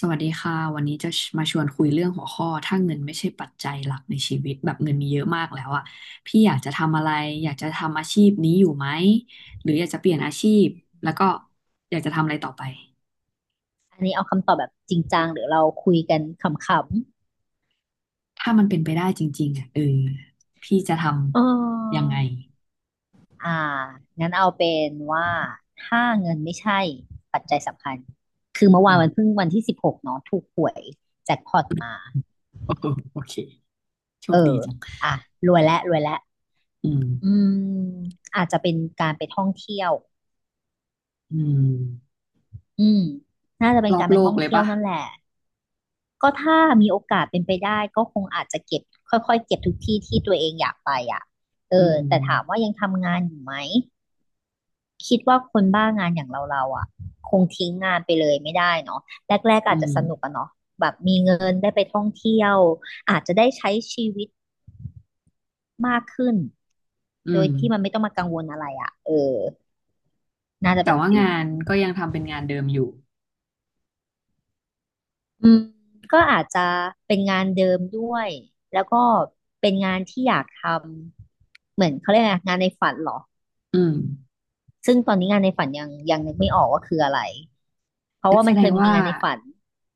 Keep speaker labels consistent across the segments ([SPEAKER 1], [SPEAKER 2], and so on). [SPEAKER 1] สวัสดีค่ะวันนี้จะมาชวนคุยเรื่องหัวข้อถ้าเงินไม่ใช่ปัจจัยหลักในชีวิตแบบเงินมีเยอะมากแล้วอะพี่อยากจะทำอะไรอยากจะทำอาชีพนี้อยู่ไหมหรืออยากจะเปลี่ยนอาชีพแล้วก็อยากจะทำอะไรต่อไป
[SPEAKER 2] อันนี้เอาคำตอบแบบจริงจังหรือเราคุยกันขำ
[SPEAKER 1] ถ้ามันเป็นไปได้จริงๆอะพี่จะท
[SPEAKER 2] ๆ
[SPEAKER 1] ำยังไง
[SPEAKER 2] อ่างั้นเอาเป็นว่าถ้าเงินไม่ใช่ปัจจัยสำคัญ คือเมื่อ
[SPEAKER 1] อื
[SPEAKER 2] วาน
[SPEAKER 1] ม
[SPEAKER 2] มัน เพิ่งวันที่ 16เนาะถูกหวยแจ็คพอตมา
[SPEAKER 1] โอ้โหโอเคโช
[SPEAKER 2] เอ
[SPEAKER 1] คดี
[SPEAKER 2] อ
[SPEAKER 1] จัง
[SPEAKER 2] อ่ะรวยแล้วรวยแล้ว
[SPEAKER 1] อืม
[SPEAKER 2] อืมอาจจะเป็นการไปท่องเที่ยว
[SPEAKER 1] อืม
[SPEAKER 2] อืมน่าจะเป็
[SPEAKER 1] ร
[SPEAKER 2] น
[SPEAKER 1] อ
[SPEAKER 2] กา
[SPEAKER 1] บ
[SPEAKER 2] รไป
[SPEAKER 1] โล
[SPEAKER 2] ท่
[SPEAKER 1] ก
[SPEAKER 2] อง
[SPEAKER 1] เลย
[SPEAKER 2] เที่ยว
[SPEAKER 1] ปะ
[SPEAKER 2] นั่นแหละ ก็ถ้ามีโอกาสเป็นไปได้ก็คงอาจจะเก็บค่อยๆเก็บทุกที่ที่ตัวเองอยากไปอ่ะ
[SPEAKER 1] อืม
[SPEAKER 2] แต่ถามว่ายังทำงานอยู่ไหม คิดว่าคนบ้างานอย่างเราอ่ะคงทิ้งงานไปเลยไม่ได้เนาะแรกๆก็
[SPEAKER 1] อื
[SPEAKER 2] อาจจะ
[SPEAKER 1] ม
[SPEAKER 2] สนุกอะเนาะแบบมีเงินได้ไปท่องเที่ยวอาจจะได้ใช้ชีวิตมากขึ้น
[SPEAKER 1] อื
[SPEAKER 2] โด
[SPEAKER 1] ม
[SPEAKER 2] ยที่มันไม่ต้องมากังวลอะไรอ่ะน่าจะ
[SPEAKER 1] แต่
[SPEAKER 2] เป็น
[SPEAKER 1] ว่า
[SPEAKER 2] ฟิล
[SPEAKER 1] งาน
[SPEAKER 2] นั้น
[SPEAKER 1] ก็ยังทำเป็นงานเดิมอยู่
[SPEAKER 2] อืมก็อาจจะเป็นงานเดิมด้วยแล้วก็เป็นงานที่อยากทำเหมือนเขาเรียกไงงานในฝันเหรอ
[SPEAKER 1] อืม
[SPEAKER 2] ซึ่งตอนนี้งานในฝันยังนึกไม่ออกว่าคืออะไรเพราะ
[SPEAKER 1] งั้น
[SPEAKER 2] ว่า
[SPEAKER 1] แส
[SPEAKER 2] มัน
[SPEAKER 1] ด
[SPEAKER 2] เค
[SPEAKER 1] ง
[SPEAKER 2] ยมี
[SPEAKER 1] ว่า
[SPEAKER 2] งานในฝัน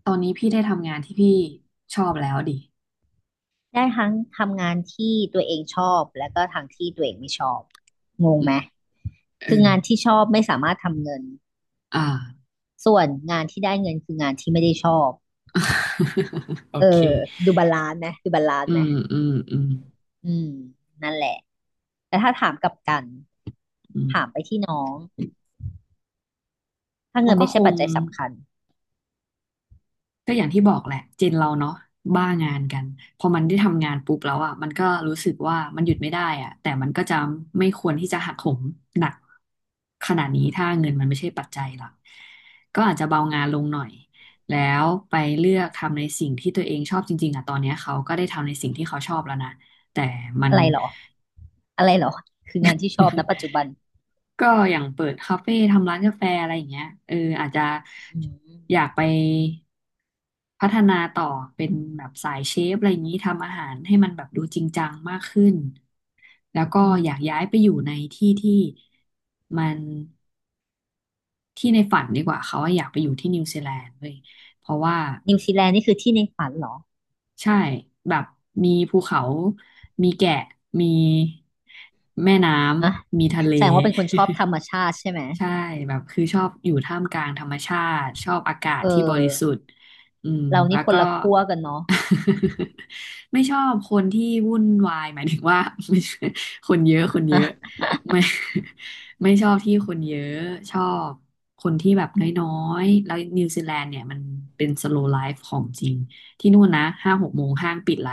[SPEAKER 1] ตอนนี้พี่ได้ทำงานที่พี่ชอบแล้วดิ
[SPEAKER 2] ได้ทั้งทำงานที่ตัวเองชอบแล้วก็ทางที่ตัวเองไม่ชอบงงไหม
[SPEAKER 1] เอ
[SPEAKER 2] คือ
[SPEAKER 1] อ
[SPEAKER 2] งานที่ชอบไม่สามารถทำเงิน
[SPEAKER 1] อ่า
[SPEAKER 2] ส่วนงานที่ได้เงินคืองานที่ไม่ได้ชอบ
[SPEAKER 1] โอ
[SPEAKER 2] เอ
[SPEAKER 1] เค
[SPEAKER 2] อดูบาลานซ์ไหมดูบาลาน
[SPEAKER 1] อื
[SPEAKER 2] ซ์ไหม
[SPEAKER 1] มอืมอืม
[SPEAKER 2] อืมนั่นแหละแต่ถ้าถามกลับกัน
[SPEAKER 1] อื
[SPEAKER 2] ถาม
[SPEAKER 1] ม
[SPEAKER 2] ไปที่น้องถ้า
[SPEAKER 1] ก็
[SPEAKER 2] เงิน
[SPEAKER 1] ก็
[SPEAKER 2] ไม่
[SPEAKER 1] ค
[SPEAKER 2] ใช่ปั
[SPEAKER 1] ง
[SPEAKER 2] จจัยสำคัญ
[SPEAKER 1] ก็อย่างที่บอกแหละเจนเราเนาะบ้างานกันพอมันได้ทำงานปุ๊บแล้วอ่ะมันก็รู้สึกว่ามันหยุดไม่ได้อ่ะแต่มันก็จะไม่ควรที่จะหักโหมหนักขนาดนี้ถ้าเงินมันไม่ใช่ปัจจัยหลักก็อาจจะเบางานลงหน่อยแล้วไปเลือกทำในสิ่งที่ตัวเองชอบจริงๆอ่ะตอนเนี้ยเขาก็ได้ทำในสิ่งที่เขาชอบแล้วนะแต่มัน
[SPEAKER 2] อะไรหรออะไรหรอคืองานที่ชอบนะปัจจุ บัน
[SPEAKER 1] ก็อย่างเปิดคาเฟ่ทำร้านกาแฟอะไรอย่างเงี้ยเอออาจจะ
[SPEAKER 2] อืม
[SPEAKER 1] อยากไป พัฒนาต่อเป็นแบบสายเชฟอะไรอย่างนี้ทำอาหารให้มันแบบดูจริงจังมากขึ้นแล้วก็
[SPEAKER 2] อื
[SPEAKER 1] อยาก
[SPEAKER 2] ม
[SPEAKER 1] ย้ายไปอยู่ในที่ที่มันที่ในฝันดีกว่าเขาว่าอยากไปอยู่ที่นิวซีแลนด์เลยเพราะว่า
[SPEAKER 2] นิวซีแลนด์นี่คือที่ในฝันเหรอ
[SPEAKER 1] ใช่แบบมีภูเขามีแกะมีแม่น้
[SPEAKER 2] อะ
[SPEAKER 1] ำมีทะเล
[SPEAKER 2] แสดงว่าเป็นคนชอบธร รมชาติใช่ไหม
[SPEAKER 1] ใช่แบบคือชอบอยู่ท่ามกลางธรรมชาติชอบอากาศ
[SPEAKER 2] เออ
[SPEAKER 1] ที่บริสุทธิ์อืม
[SPEAKER 2] เรา
[SPEAKER 1] แล้
[SPEAKER 2] นี่
[SPEAKER 1] ว
[SPEAKER 2] คน
[SPEAKER 1] ก็
[SPEAKER 2] ละขั้วกันเนาะ
[SPEAKER 1] ไม่ชอบคนที่วุ่นวายหมายถึงว่า ไม่ใช่คนเยอะ
[SPEAKER 2] อ่ะ
[SPEAKER 1] คนเยอะไม่ ไม่ชอบที่คนเยอะชอบคนที่แบบน้อยๆแล้วนิวซีแลนด์เนี่ยมันเป็นสโล w l ไลฟ์ของจริงที่นู่นนะ5-6 โมงห้างปิดละ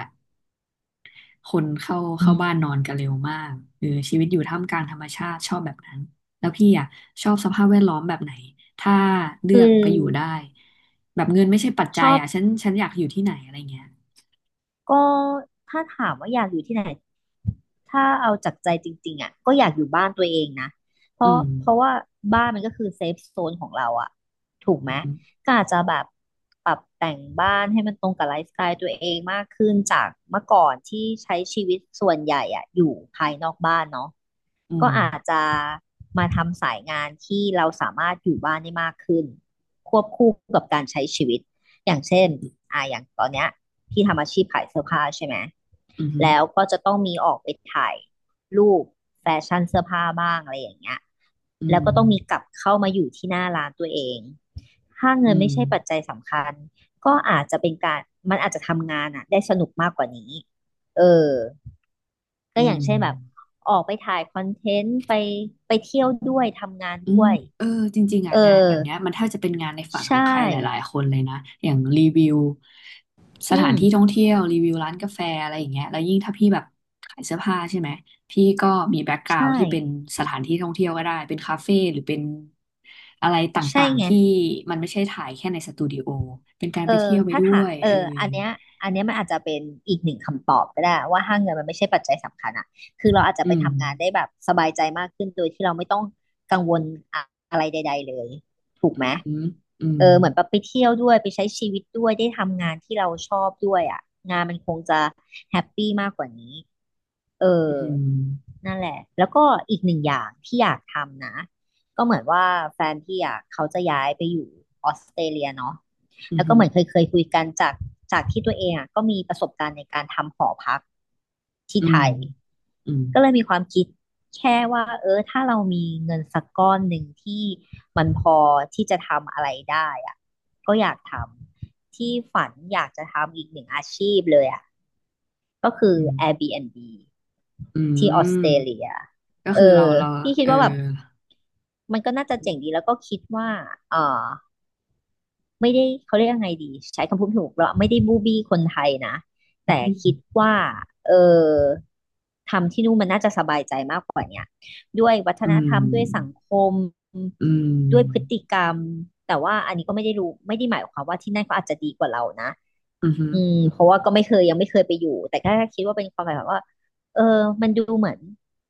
[SPEAKER 1] คนเข้า
[SPEAKER 2] อื
[SPEAKER 1] เข้า
[SPEAKER 2] ม
[SPEAKER 1] บ้านนอนกันเร็วมากชีวิตอยู่ท่ามกลางธรรมชาติชอบแบบนั้นแล้วพี่อ่ะชอบสภาพแวดล้อมแบบไหนถ้าเลื
[SPEAKER 2] คื
[SPEAKER 1] อ
[SPEAKER 2] อ
[SPEAKER 1] กไปอยู่ได้แบบเงินไม่ใช่ปัจ
[SPEAKER 2] ช
[SPEAKER 1] จัย
[SPEAKER 2] อบ
[SPEAKER 1] อ่ะฉันอยากอยู่ที่ไหนอะไรเงี้ย
[SPEAKER 2] ก็ถ้าถามว่าอยากอยู่ที่ไหน ถ้าเอาจากใจจริงๆอ่ะก็อยากอยู่บ้านตัวเองนะ เพ
[SPEAKER 1] อื
[SPEAKER 2] ราะ
[SPEAKER 1] ม
[SPEAKER 2] เพราะว่าบ้านมันก็คือเซฟโซนของเราอ่ะถูกไห
[SPEAKER 1] อื
[SPEAKER 2] ม
[SPEAKER 1] มอหือ
[SPEAKER 2] ก็อาจจะแบบปรับแต่งบ้านให้มันตรงกับไลฟ์สไตล์ตัวเองมากขึ้นจากเมื่อก่อนที่ใช้ชีวิตส่วนใหญ่อะอยู่ภายนอกบ้านเนาะ
[SPEAKER 1] อื
[SPEAKER 2] ก็
[SPEAKER 1] ม
[SPEAKER 2] อาจจะมาทำสายงานที่เราสามารถอยู่บ้านได้มากขึ้นควบคู่กับการใช้ชีวิตอย่างเช่น
[SPEAKER 1] อื
[SPEAKER 2] อย่างตอนเนี้ยพี่ทำอาชีพขายเสื้อผ้าใช่ไหม
[SPEAKER 1] มอือ
[SPEAKER 2] แล้วก็จะต้องมีออกไปถ่ายรูปแฟชั่นเสื้อผ้าบ้างอะไรอย่างเงี้ย
[SPEAKER 1] อื
[SPEAKER 2] แล้ว
[SPEAKER 1] ม
[SPEAKER 2] ก็ต้องมีกลับเข้ามาอยู่ที่หน้าร้านตัวเองถ้า
[SPEAKER 1] อื
[SPEAKER 2] เงิน
[SPEAKER 1] ม
[SPEAKER 2] ไม่ใช่ปัจจัยสำคัญก็อาจจะเป็นการมันอาจจะทำงานอ่ะได้สนุกมากกว่านี้เออ ก็
[SPEAKER 1] อื
[SPEAKER 2] อย่าง
[SPEAKER 1] ม
[SPEAKER 2] เช่นแบบออกไปถ่ายคอนเทนต์ไปไปเที่ยวด้วยทำงาน
[SPEAKER 1] อื
[SPEAKER 2] ด้
[SPEAKER 1] ม
[SPEAKER 2] วย
[SPEAKER 1] เออจริงๆอ่ะ
[SPEAKER 2] เออ
[SPEAKER 1] งานแบบเนี้ยมันแทบจะเป็นงานในฝันขอ
[SPEAKER 2] ใช่
[SPEAKER 1] งใครหลายๆคนเลยนะอย่างรีวิวส
[SPEAKER 2] อื
[SPEAKER 1] ถาน
[SPEAKER 2] ม
[SPEAKER 1] ที่ท่องเที่ยวรีวิวร้านกาแฟอะไรอย่างเงี้ยแล้วยิ่งถ้าพี่แบบขายเสื้อผ้าใช่ไหมพี่ก็มีแบ็กกรา
[SPEAKER 2] ใช่
[SPEAKER 1] วด์ที่เป็นสถานที่ท่องเที่ยวก็ได้เป็นคาเฟ่หรือเป็นอะไรต
[SPEAKER 2] ใช่
[SPEAKER 1] ่าง
[SPEAKER 2] ไง
[SPEAKER 1] ๆที่มันไม่ใช่ถ่ายแค่ในสตูดิโอเป็นการ
[SPEAKER 2] เออ
[SPEAKER 1] ไปเที่ยวไป
[SPEAKER 2] ถ้า
[SPEAKER 1] ด้
[SPEAKER 2] ถา
[SPEAKER 1] ว
[SPEAKER 2] ม
[SPEAKER 1] ยเออ
[SPEAKER 2] อันเนี้ยอันเนี้ยมันอาจจะเป็นอีกหนึ่งคำตอบก็ได้ว่าถ้าเงินมันไม่ใช่ปัจจัยสำคัญอะคือเราอาจจะ
[SPEAKER 1] อื
[SPEAKER 2] ไป
[SPEAKER 1] ม
[SPEAKER 2] ทำงานได้แบบสบายใจมากขึ้นโดยที่เราไม่ต้องกังวลอะอะไรใดๆเลยถูกไหม
[SPEAKER 1] อืมอืม
[SPEAKER 2] เหมือนแบบไปเที่ยวด้วยไปใช้ชีวิตด้วยได้ทำงานที่เราชอบด้วยอะงานมันคงจะแฮปปี้มากกว่านี้เออ
[SPEAKER 1] อืม
[SPEAKER 2] นั่นแหละแล้วก็อีกหนึ่งอย่างที่อยากทำนะก็เหมือนว่าแฟนพี่อะเขาจะย้ายไปอยู่ออสเตรเลียเนาะ
[SPEAKER 1] อื
[SPEAKER 2] แล้วก็เห
[SPEAKER 1] ม
[SPEAKER 2] มือนเคยคุยกันจากที่ตัวเองอ่ะก็มีประสบการณ์ในการทำหอพักที่
[SPEAKER 1] อื
[SPEAKER 2] ไท
[SPEAKER 1] ม
[SPEAKER 2] ย
[SPEAKER 1] อืม
[SPEAKER 2] ก็เลยมีความคิดแค่ว่าถ้าเรามีเงินสักก้อนหนึ่งที่มันพอที่จะทำอะไรได้อ่ะก็อยากทำที่ฝันอยากจะทำอีกหนึ่งอาชีพเลยอ่ะก็คือ
[SPEAKER 1] อืม
[SPEAKER 2] Airbnb
[SPEAKER 1] อื
[SPEAKER 2] ที่ออส
[SPEAKER 1] ม
[SPEAKER 2] เตรเลีย
[SPEAKER 1] ก็
[SPEAKER 2] เอ
[SPEAKER 1] คือเรา
[SPEAKER 2] อ
[SPEAKER 1] เรา
[SPEAKER 2] พี่คิด
[SPEAKER 1] เออ
[SPEAKER 2] ว่าแบบมันก็น่าจะเจ๋งดีแล้วก็คิดว่าเออ ไม่ได้เขาเรียกยังไงดีใช้คำพูดถูกเราไม่ได้บูบี้คนไทยนะแต่คิดว่าเออทำที่นู่นมันน่าจะสบายใจมากกว่าเนี่ยด้วยวัฒ
[SPEAKER 1] อื
[SPEAKER 2] นธรรมด้วยสัง
[SPEAKER 1] ม
[SPEAKER 2] คม
[SPEAKER 1] อื
[SPEAKER 2] ด้วยพฤ
[SPEAKER 1] ม
[SPEAKER 2] ติกรรมแต่ว่าอันนี้ก็ไม่ได้รู้ไม่ได้หมายความว่าที่นั่นเขาอาจจะดีกว่าเรานะ
[SPEAKER 1] อือฮึ
[SPEAKER 2] เพราะว่าก็ไม่เคยยังไม่เคยไปอยู่แต่ก็คิดว่าเป็นความหมายแบบว่าเออมันดูเหมือน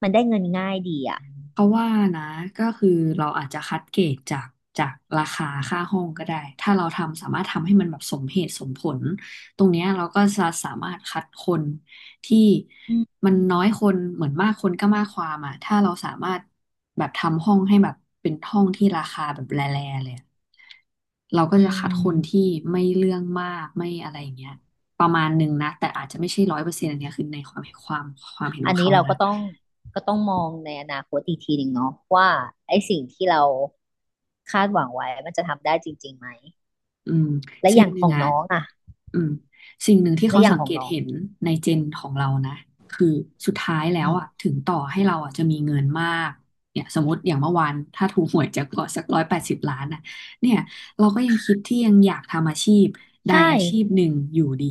[SPEAKER 2] มันได้เงินง่ายดีอ่ะ
[SPEAKER 1] เพราะว่านะก็คือเราอาจจะคัดเกรดจากจากราคาค่าห้องก็ได้ถ้าเราทำสามารถทำให้มันแบบสมเหตุสมผลตรงเนี้ยเราก็จะสามารถคัดคนที่
[SPEAKER 2] อืม
[SPEAKER 1] มันน้อยคนเหมือนมากคนก็มากความอ่ะถ้าเราสามารถแบบทำห้องให้แบบเป็นห้องที่ราคาแบบแร่ๆเลยอะ เราก็
[SPEAKER 2] อื
[SPEAKER 1] จะคัดคนที่
[SPEAKER 2] ม
[SPEAKER 1] ไม่เรื่องมากไม่อะไรอย่างเงี้ยประมาณหนึ่งนะแต่อาจจะไม่ใช่ร้อยเปอร์เซ็นต์อันเนี้ยคือในความเห็นข
[SPEAKER 2] อั
[SPEAKER 1] อ
[SPEAKER 2] น
[SPEAKER 1] ง
[SPEAKER 2] นี้
[SPEAKER 1] เขา
[SPEAKER 2] เรา
[SPEAKER 1] นะ
[SPEAKER 2] ก็ต้องมองในอนาคตอีกทีหนึ่งเนาะว่าไอ้สิ่งที่เราคาดหวังไว้มันจะทำได้จริงๆไหม
[SPEAKER 1] อืม
[SPEAKER 2] และอ
[SPEAKER 1] สิ่ง
[SPEAKER 2] ย่าง
[SPEAKER 1] ห
[SPEAKER 2] ข
[SPEAKER 1] นึ่ง
[SPEAKER 2] อง
[SPEAKER 1] อะ
[SPEAKER 2] น้องอะ
[SPEAKER 1] อืมสิ่งหนึ่งที่
[SPEAKER 2] และ
[SPEAKER 1] เขา
[SPEAKER 2] อย่า
[SPEAKER 1] สั
[SPEAKER 2] ง
[SPEAKER 1] ง
[SPEAKER 2] ขอ
[SPEAKER 1] เก
[SPEAKER 2] ง
[SPEAKER 1] ต
[SPEAKER 2] น้อง
[SPEAKER 1] เห็นในเจนของเรานะคือสุดท้ายแล้
[SPEAKER 2] อื
[SPEAKER 1] วอะ
[SPEAKER 2] ม
[SPEAKER 1] ถึงต่อให้เราอะจะมีเงินมากเนี่ยสมมติอย่างเมื่อวานถ้าถูกหวยแจ็คพอตสัก180 ล้านอะเนี่ยเราก็ยังคิดที่ยังอยากทำอาชีพใด
[SPEAKER 2] ใช่
[SPEAKER 1] อาชีพหนึ่งอยู่ดี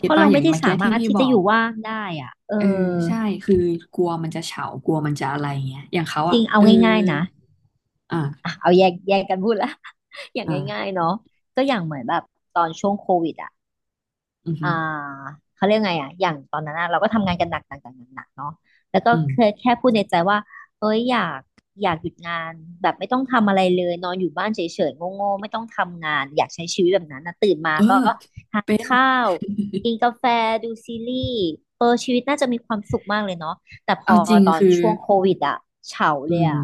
[SPEAKER 2] เพ
[SPEAKER 1] ก็ต
[SPEAKER 2] ราะ
[SPEAKER 1] ป่ะ
[SPEAKER 2] เรา
[SPEAKER 1] อย่าง
[SPEAKER 2] ไม่ได้
[SPEAKER 1] เมื่อกี้
[SPEAKER 2] สา
[SPEAKER 1] ที่
[SPEAKER 2] มารถ
[SPEAKER 1] พี่
[SPEAKER 2] ที่
[SPEAKER 1] บอ
[SPEAKER 2] จะอ
[SPEAKER 1] ก
[SPEAKER 2] ยู่ว่างได้อ่ะ
[SPEAKER 1] เออใช่คือกลัวมันจะเฉากลัวมันจะอะไรเงี้ยอย่างเขา
[SPEAKER 2] จ
[SPEAKER 1] อ่ะ
[SPEAKER 2] ริงเอาง่ายๆนะ
[SPEAKER 1] อ่า
[SPEAKER 2] อ่ะเอาแยกกันพูดละ อย่างง่าย
[SPEAKER 1] อ่า
[SPEAKER 2] ๆเนาะก็อย่างเหมือนแบบตอนช่วงโควิดอ่ะ
[SPEAKER 1] อือหื
[SPEAKER 2] อ่า
[SPEAKER 1] อ
[SPEAKER 2] เขาเรียกไงอ่ะอย่างตอนนั้นอะเราก็ทำงานกันหนักหนักหนักหนักเนาะแล้วก็
[SPEAKER 1] อืม
[SPEAKER 2] เคยแค่พูดในใจว่าเอ้ยอยากหยุดงานแบบไม่ต้องทำอะไรเลยนอนอยู่บ้านเฉยๆโง่ๆไม่ต้องทำงานอยากใช้ชีวิตแบบนั้นนะตื่นมา
[SPEAKER 1] เออ
[SPEAKER 2] ก็ทาน
[SPEAKER 1] เป็น
[SPEAKER 2] ข้าวกินกาแฟดูซีรีส์เออชีวิตน่าจะมีความสุขมากเลยเนาะแต่พ
[SPEAKER 1] เอา
[SPEAKER 2] อ
[SPEAKER 1] จริง
[SPEAKER 2] ตอน
[SPEAKER 1] คือ
[SPEAKER 2] ช่วงโควิดอะเฉา
[SPEAKER 1] อื
[SPEAKER 2] เลย
[SPEAKER 1] ม
[SPEAKER 2] อะ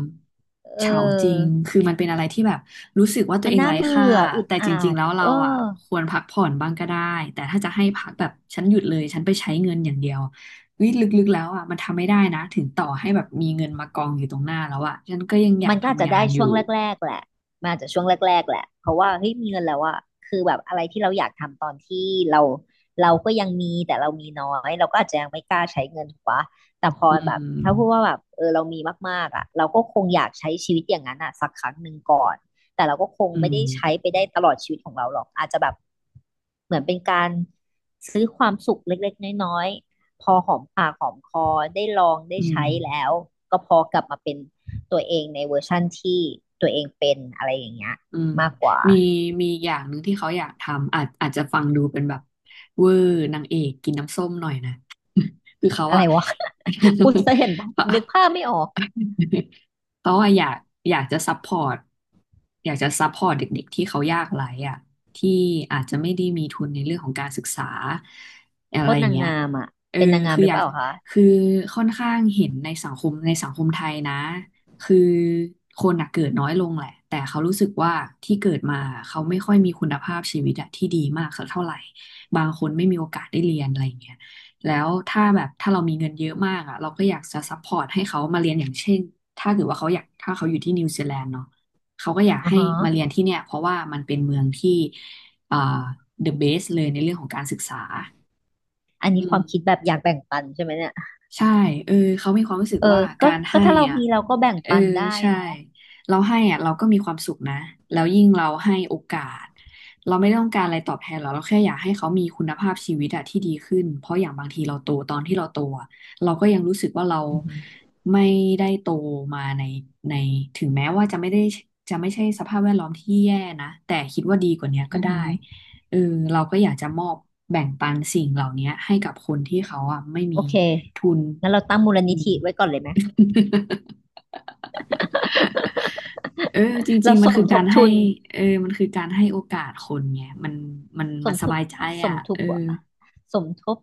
[SPEAKER 2] เออ
[SPEAKER 1] เฉาจริงคือมันเป็นอะไรที่แบบรู้สึกว่าตัว
[SPEAKER 2] มัน
[SPEAKER 1] เอง
[SPEAKER 2] น่า
[SPEAKER 1] ไร้ค่า
[SPEAKER 2] เบื่ออึด
[SPEAKER 1] แต่จ
[SPEAKER 2] อั
[SPEAKER 1] ริง
[SPEAKER 2] ด
[SPEAKER 1] ๆแล้วเรา
[SPEAKER 2] เอ
[SPEAKER 1] อ่ะ
[SPEAKER 2] อ
[SPEAKER 1] ควรพักผ่อนบ้างก็ได้แต่ถ้าจะให้พักแบบฉันหยุดเลยฉันไปใช้เงินอย่างเดียววิลึกๆแล้วอ่ะมันทำไม่ได้นะถึงต่อให้แบบมีเงินมากองอยู่ตรงหน้าแล้วอ่ะฉันก็ยังอยา
[SPEAKER 2] มั
[SPEAKER 1] ก
[SPEAKER 2] นก็อาจ
[SPEAKER 1] ทำ
[SPEAKER 2] จะ
[SPEAKER 1] งา
[SPEAKER 2] ได้
[SPEAKER 1] นอ
[SPEAKER 2] ช่
[SPEAKER 1] ยู่
[SPEAKER 2] วงแรกๆแหละมันอาจจะช่วงแรกๆแหละเพราะว่าเฮ้ยมีเงินแล้วอะคือแบบอะไรที่เราอยากทำตอนที่เราก็ยังมีแต่เรามีน้อยเราก็อาจจะยังไม่กล้าใช้เงินถูกปะแต่พอ
[SPEAKER 1] อื
[SPEAKER 2] แบบถ้าพูดว่า
[SPEAKER 1] ม
[SPEAKER 2] แบบเออเรามีมากๆอะเราก็คงอยากใช้ชีวิตอย่างนั้นอะสักครั้งหนึ่งก่อนแต่เราก็คง
[SPEAKER 1] อื
[SPEAKER 2] ไม่
[SPEAKER 1] ม
[SPEAKER 2] ได้ใช้ไปได้ตลอดชีวิตของเราหรอกอาจจะแบบเหมือนเป็นการซื้อความสุขเล็กๆน้อยๆพอหอมปากหอมคอได้ลองได้
[SPEAKER 1] อืม
[SPEAKER 2] ใช้แล้วก็พอกลับมาเป็น ตัวเองในเวอร์ชั่นที่ตัวเองเป็นอะไรอย่างเงี้ย
[SPEAKER 1] อืม
[SPEAKER 2] มากกว่า
[SPEAKER 1] มีมีอย่างหนึ่งที่เขาอยากทำอาจจะฟังดูเป็นแบบเวอร์นางเอกกินน้ำส้มหน่อยนะ คือเขา
[SPEAKER 2] อะไร
[SPEAKER 1] อะ
[SPEAKER 2] วะ พูดซะเห็นปะ
[SPEAKER 1] เขา
[SPEAKER 2] นึกภาพไม่ออก
[SPEAKER 1] เพราะว่าอยากอยากจะซัพพอร์ตอยากจะซัพพอร์ตเด็กๆที่เขายากไร้อะที่อาจจะไม่ได้มีทุนในเรื่องของการศึกษาอะ
[SPEAKER 2] โค
[SPEAKER 1] ไร
[SPEAKER 2] ตร
[SPEAKER 1] อย่าง
[SPEAKER 2] นาง
[SPEAKER 1] เงี้ย
[SPEAKER 2] งามอ่ะ
[SPEAKER 1] เออ
[SPEAKER 2] เป็นนางงาม
[SPEAKER 1] คือ
[SPEAKER 2] หรื
[SPEAKER 1] อ
[SPEAKER 2] อ
[SPEAKER 1] ยา
[SPEAKER 2] เป
[SPEAKER 1] ก
[SPEAKER 2] ล่าคะ
[SPEAKER 1] คือค่อนข้างเห็นในสังคมไทยนะคือคนอะเกิดน้อยลงแหละแต่เขารู้สึกว่าที่เกิดมาเขาไม่ค่อยมีคุณภาพชีวิตอะที่ดีมากสักเท่าไหร่บางคนไม่มีโอกาสได้เรียนอะไรอย่างเงี้ย แล้วถ้าแบบถ้าเรามีเงินเยอะมากอ่ะเราก็อยากจะซัพพอร์ตให้เขามาเรียนอย่างเช่นถ้าเกิดว่าเขาอยากถ้าเขาอยู่ที่นิวซีแลนด์เนาะเขาก็อยาก
[SPEAKER 2] อ่อ
[SPEAKER 1] ให้
[SPEAKER 2] ฮะ
[SPEAKER 1] มาเรียนที่เนี่ยเพราะว่ามันเป็นเมืองที่อ่า the best เลยในเรื่องของการศึกษา
[SPEAKER 2] อันนี้
[SPEAKER 1] อื
[SPEAKER 2] ค
[SPEAKER 1] ม
[SPEAKER 2] วามคิดแบบอยากแบ่งปันใช่ไหมเนี่ย
[SPEAKER 1] ใช่เออเขามีความรู้สึก
[SPEAKER 2] เอ
[SPEAKER 1] ว่า
[SPEAKER 2] อก็
[SPEAKER 1] การ
[SPEAKER 2] ก็
[SPEAKER 1] ให้
[SPEAKER 2] ถ้าเรา
[SPEAKER 1] อ่ะ
[SPEAKER 2] มีเราก็แบ่ง
[SPEAKER 1] เออ
[SPEAKER 2] ปันได้
[SPEAKER 1] ใช่
[SPEAKER 2] เนาะ
[SPEAKER 1] เราให้อ่ะเราก็มีความสุขนะ แล้วยิ่งเราให้โอกาส เราไม่ต้องการอะไรตอบแทนหรอกเราแค่อยากให้เขามีคุณภาพชีวิตอะที่ดีขึ้น เพราะอย่างบางทีเราโตตอนที่เราโตอะเราก็ยังรู้สึกว่าเรา
[SPEAKER 2] อือฮึ
[SPEAKER 1] ไม่ได้โตมาในในถึงแม้ว่าจะไม่ได้จะไม่ใช่สภาพแวดล้อมที่แย่นะแต่คิดว่าดีกว่าเนี้ยก็
[SPEAKER 2] อือ
[SPEAKER 1] ได้
[SPEAKER 2] ฮึ
[SPEAKER 1] เออเราก็อยากจะมอบแบ่งปันสิ่งเหล่านี้ให้กับคนที่เขาอ่ะไม่มี
[SPEAKER 2] โอเค
[SPEAKER 1] ทุน
[SPEAKER 2] งั้นเราตั้งมูล
[SPEAKER 1] อื
[SPEAKER 2] นิ
[SPEAKER 1] ม
[SPEAKER 2] ธิไว้ก่อนเลยไหม
[SPEAKER 1] เออจริ
[SPEAKER 2] เรา
[SPEAKER 1] งๆมั
[SPEAKER 2] ส
[SPEAKER 1] น
[SPEAKER 2] ม
[SPEAKER 1] คือ
[SPEAKER 2] ท
[SPEAKER 1] กา
[SPEAKER 2] บ
[SPEAKER 1] รให้
[SPEAKER 2] ทุน
[SPEAKER 1] เออมันคือการให้โอกาสคนไงมัน
[SPEAKER 2] ส
[SPEAKER 1] มัน
[SPEAKER 2] ม
[SPEAKER 1] ส
[SPEAKER 2] ทบ
[SPEAKER 1] บายใจ
[SPEAKER 2] ส
[SPEAKER 1] อ่ะ
[SPEAKER 2] มท
[SPEAKER 1] เอ
[SPEAKER 2] บ
[SPEAKER 1] อ
[SPEAKER 2] อะสมทบ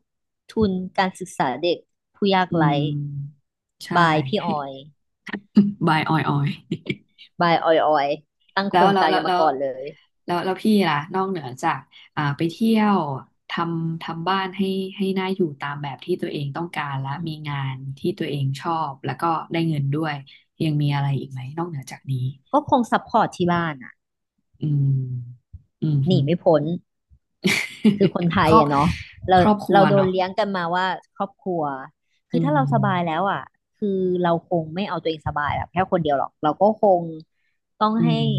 [SPEAKER 2] ทุนการศึกษาเด็กผู้ยาก
[SPEAKER 1] อื
[SPEAKER 2] ไร้
[SPEAKER 1] มใช่
[SPEAKER 2] บายพี่อ
[SPEAKER 1] ให้
[SPEAKER 2] อย
[SPEAKER 1] บายออยออย
[SPEAKER 2] บายออยออยตั้ง
[SPEAKER 1] แล้
[SPEAKER 2] โคร
[SPEAKER 1] ว
[SPEAKER 2] ง
[SPEAKER 1] แล้ว
[SPEAKER 2] การ
[SPEAKER 1] แล้
[SPEAKER 2] กั
[SPEAKER 1] ว
[SPEAKER 2] น
[SPEAKER 1] แล้
[SPEAKER 2] มา
[SPEAKER 1] ว
[SPEAKER 2] ก่อนเลย
[SPEAKER 1] แล้วแล้วพี่ล่ะนอกเหนือจากอ่าไปเที่ยวททำบ้านให้ให้น่าอยู่ตามแบบที่ตัวเองต้องการและ
[SPEAKER 2] อื
[SPEAKER 1] มี
[SPEAKER 2] ม
[SPEAKER 1] งานที่ตัวเองชอบแล้วก็ได้เงินด้วยยังมีอะไรอีกไหมนอกเหนือจากนี้
[SPEAKER 2] ก็คงซัพพอร์ตที่บ้านอ่ะ
[SPEAKER 1] อืมอืม
[SPEAKER 2] ห
[SPEAKER 1] ฮึ
[SPEAKER 2] นีไม่พ้นคือคน ไท
[SPEAKER 1] ค
[SPEAKER 2] ย
[SPEAKER 1] รอบ
[SPEAKER 2] อ่ะเนาะเรา
[SPEAKER 1] ครอบครัว
[SPEAKER 2] เราโดน
[SPEAKER 1] เนาะ
[SPEAKER 2] เลี้ยงกันมาว่าครอบครัวคื
[SPEAKER 1] อื
[SPEAKER 2] อถ้าเราสบายแล้
[SPEAKER 1] ม
[SPEAKER 2] วอ่ะคือเราคงไม่เอาตัวเองสบายแบบแค่คนเดียวหรอกเราก็คงต้อง
[SPEAKER 1] อื
[SPEAKER 2] ให้
[SPEAKER 1] ม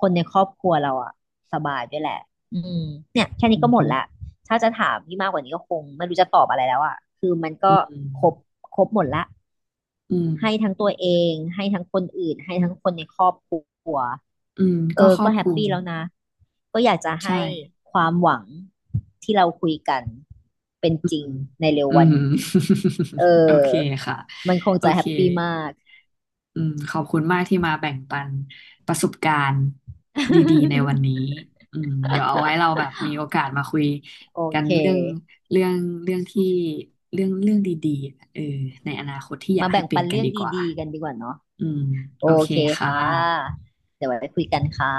[SPEAKER 2] คนในครอบครัวเราอ่ะสบายด้วยแหละอืมเนี่ยแค่
[SPEAKER 1] อื
[SPEAKER 2] นี้ก็
[SPEAKER 1] ม
[SPEAKER 2] หม
[SPEAKER 1] ฮึ
[SPEAKER 2] ดละถ้าจะถามพี่มากกว่านี้ก็คงไม่รู้จะตอบอะไรแล้วอ่ะคือมัน
[SPEAKER 1] อื
[SPEAKER 2] ก็
[SPEAKER 1] ม
[SPEAKER 2] ครบหมดละ
[SPEAKER 1] อืม
[SPEAKER 2] ให้ทั้งตัวเองให้ทั้งคนอื่นให้ทั้งคนในครอบครัว
[SPEAKER 1] อืม
[SPEAKER 2] เอ
[SPEAKER 1] ก็
[SPEAKER 2] อ
[SPEAKER 1] ครอ
[SPEAKER 2] ก็
[SPEAKER 1] บ
[SPEAKER 2] แฮ
[SPEAKER 1] ค
[SPEAKER 2] ป
[SPEAKER 1] ลุม
[SPEAKER 2] ปี้แล้วนะก็อยากจะให้
[SPEAKER 1] ใช่
[SPEAKER 2] ความหวังที่เราคุยกันเป็น
[SPEAKER 1] อื
[SPEAKER 2] จริง
[SPEAKER 1] ม
[SPEAKER 2] ในเร็ว
[SPEAKER 1] อื
[SPEAKER 2] วัน
[SPEAKER 1] ม
[SPEAKER 2] นี้เอ
[SPEAKER 1] โอ
[SPEAKER 2] อ
[SPEAKER 1] เคค่ะ
[SPEAKER 2] มันคง
[SPEAKER 1] โอ
[SPEAKER 2] จะแฮ
[SPEAKER 1] เค
[SPEAKER 2] ปปี้มาก
[SPEAKER 1] อืมขอบคุณมากที่มาแบ่งปันประสบการณ์ดีๆในวันนี้ อืมเดี๋ยวเอาไว้เราแบบมีโอกาสมาคุย
[SPEAKER 2] โอ
[SPEAKER 1] กัน
[SPEAKER 2] เค
[SPEAKER 1] เรื่องเรื่องเรื่องที่เรื่องดีๆเออในอนาคตที่อยา
[SPEAKER 2] มา
[SPEAKER 1] กให้
[SPEAKER 2] แบ่ง
[SPEAKER 1] เป็
[SPEAKER 2] ปั
[SPEAKER 1] น
[SPEAKER 2] น
[SPEAKER 1] กัน
[SPEAKER 2] เรื่อง
[SPEAKER 1] ดีกว่า
[SPEAKER 2] ดีๆกันดีกว่าเนาะ
[SPEAKER 1] อืม
[SPEAKER 2] โอ
[SPEAKER 1] โอเค
[SPEAKER 2] เค
[SPEAKER 1] ค่ะ
[SPEAKER 2] ค่ะเดี๋ยวไว้คุยกันค่ะ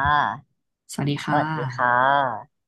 [SPEAKER 1] สวัสดี
[SPEAKER 2] ส
[SPEAKER 1] ค่ะ
[SPEAKER 2] วัสดีค่ะ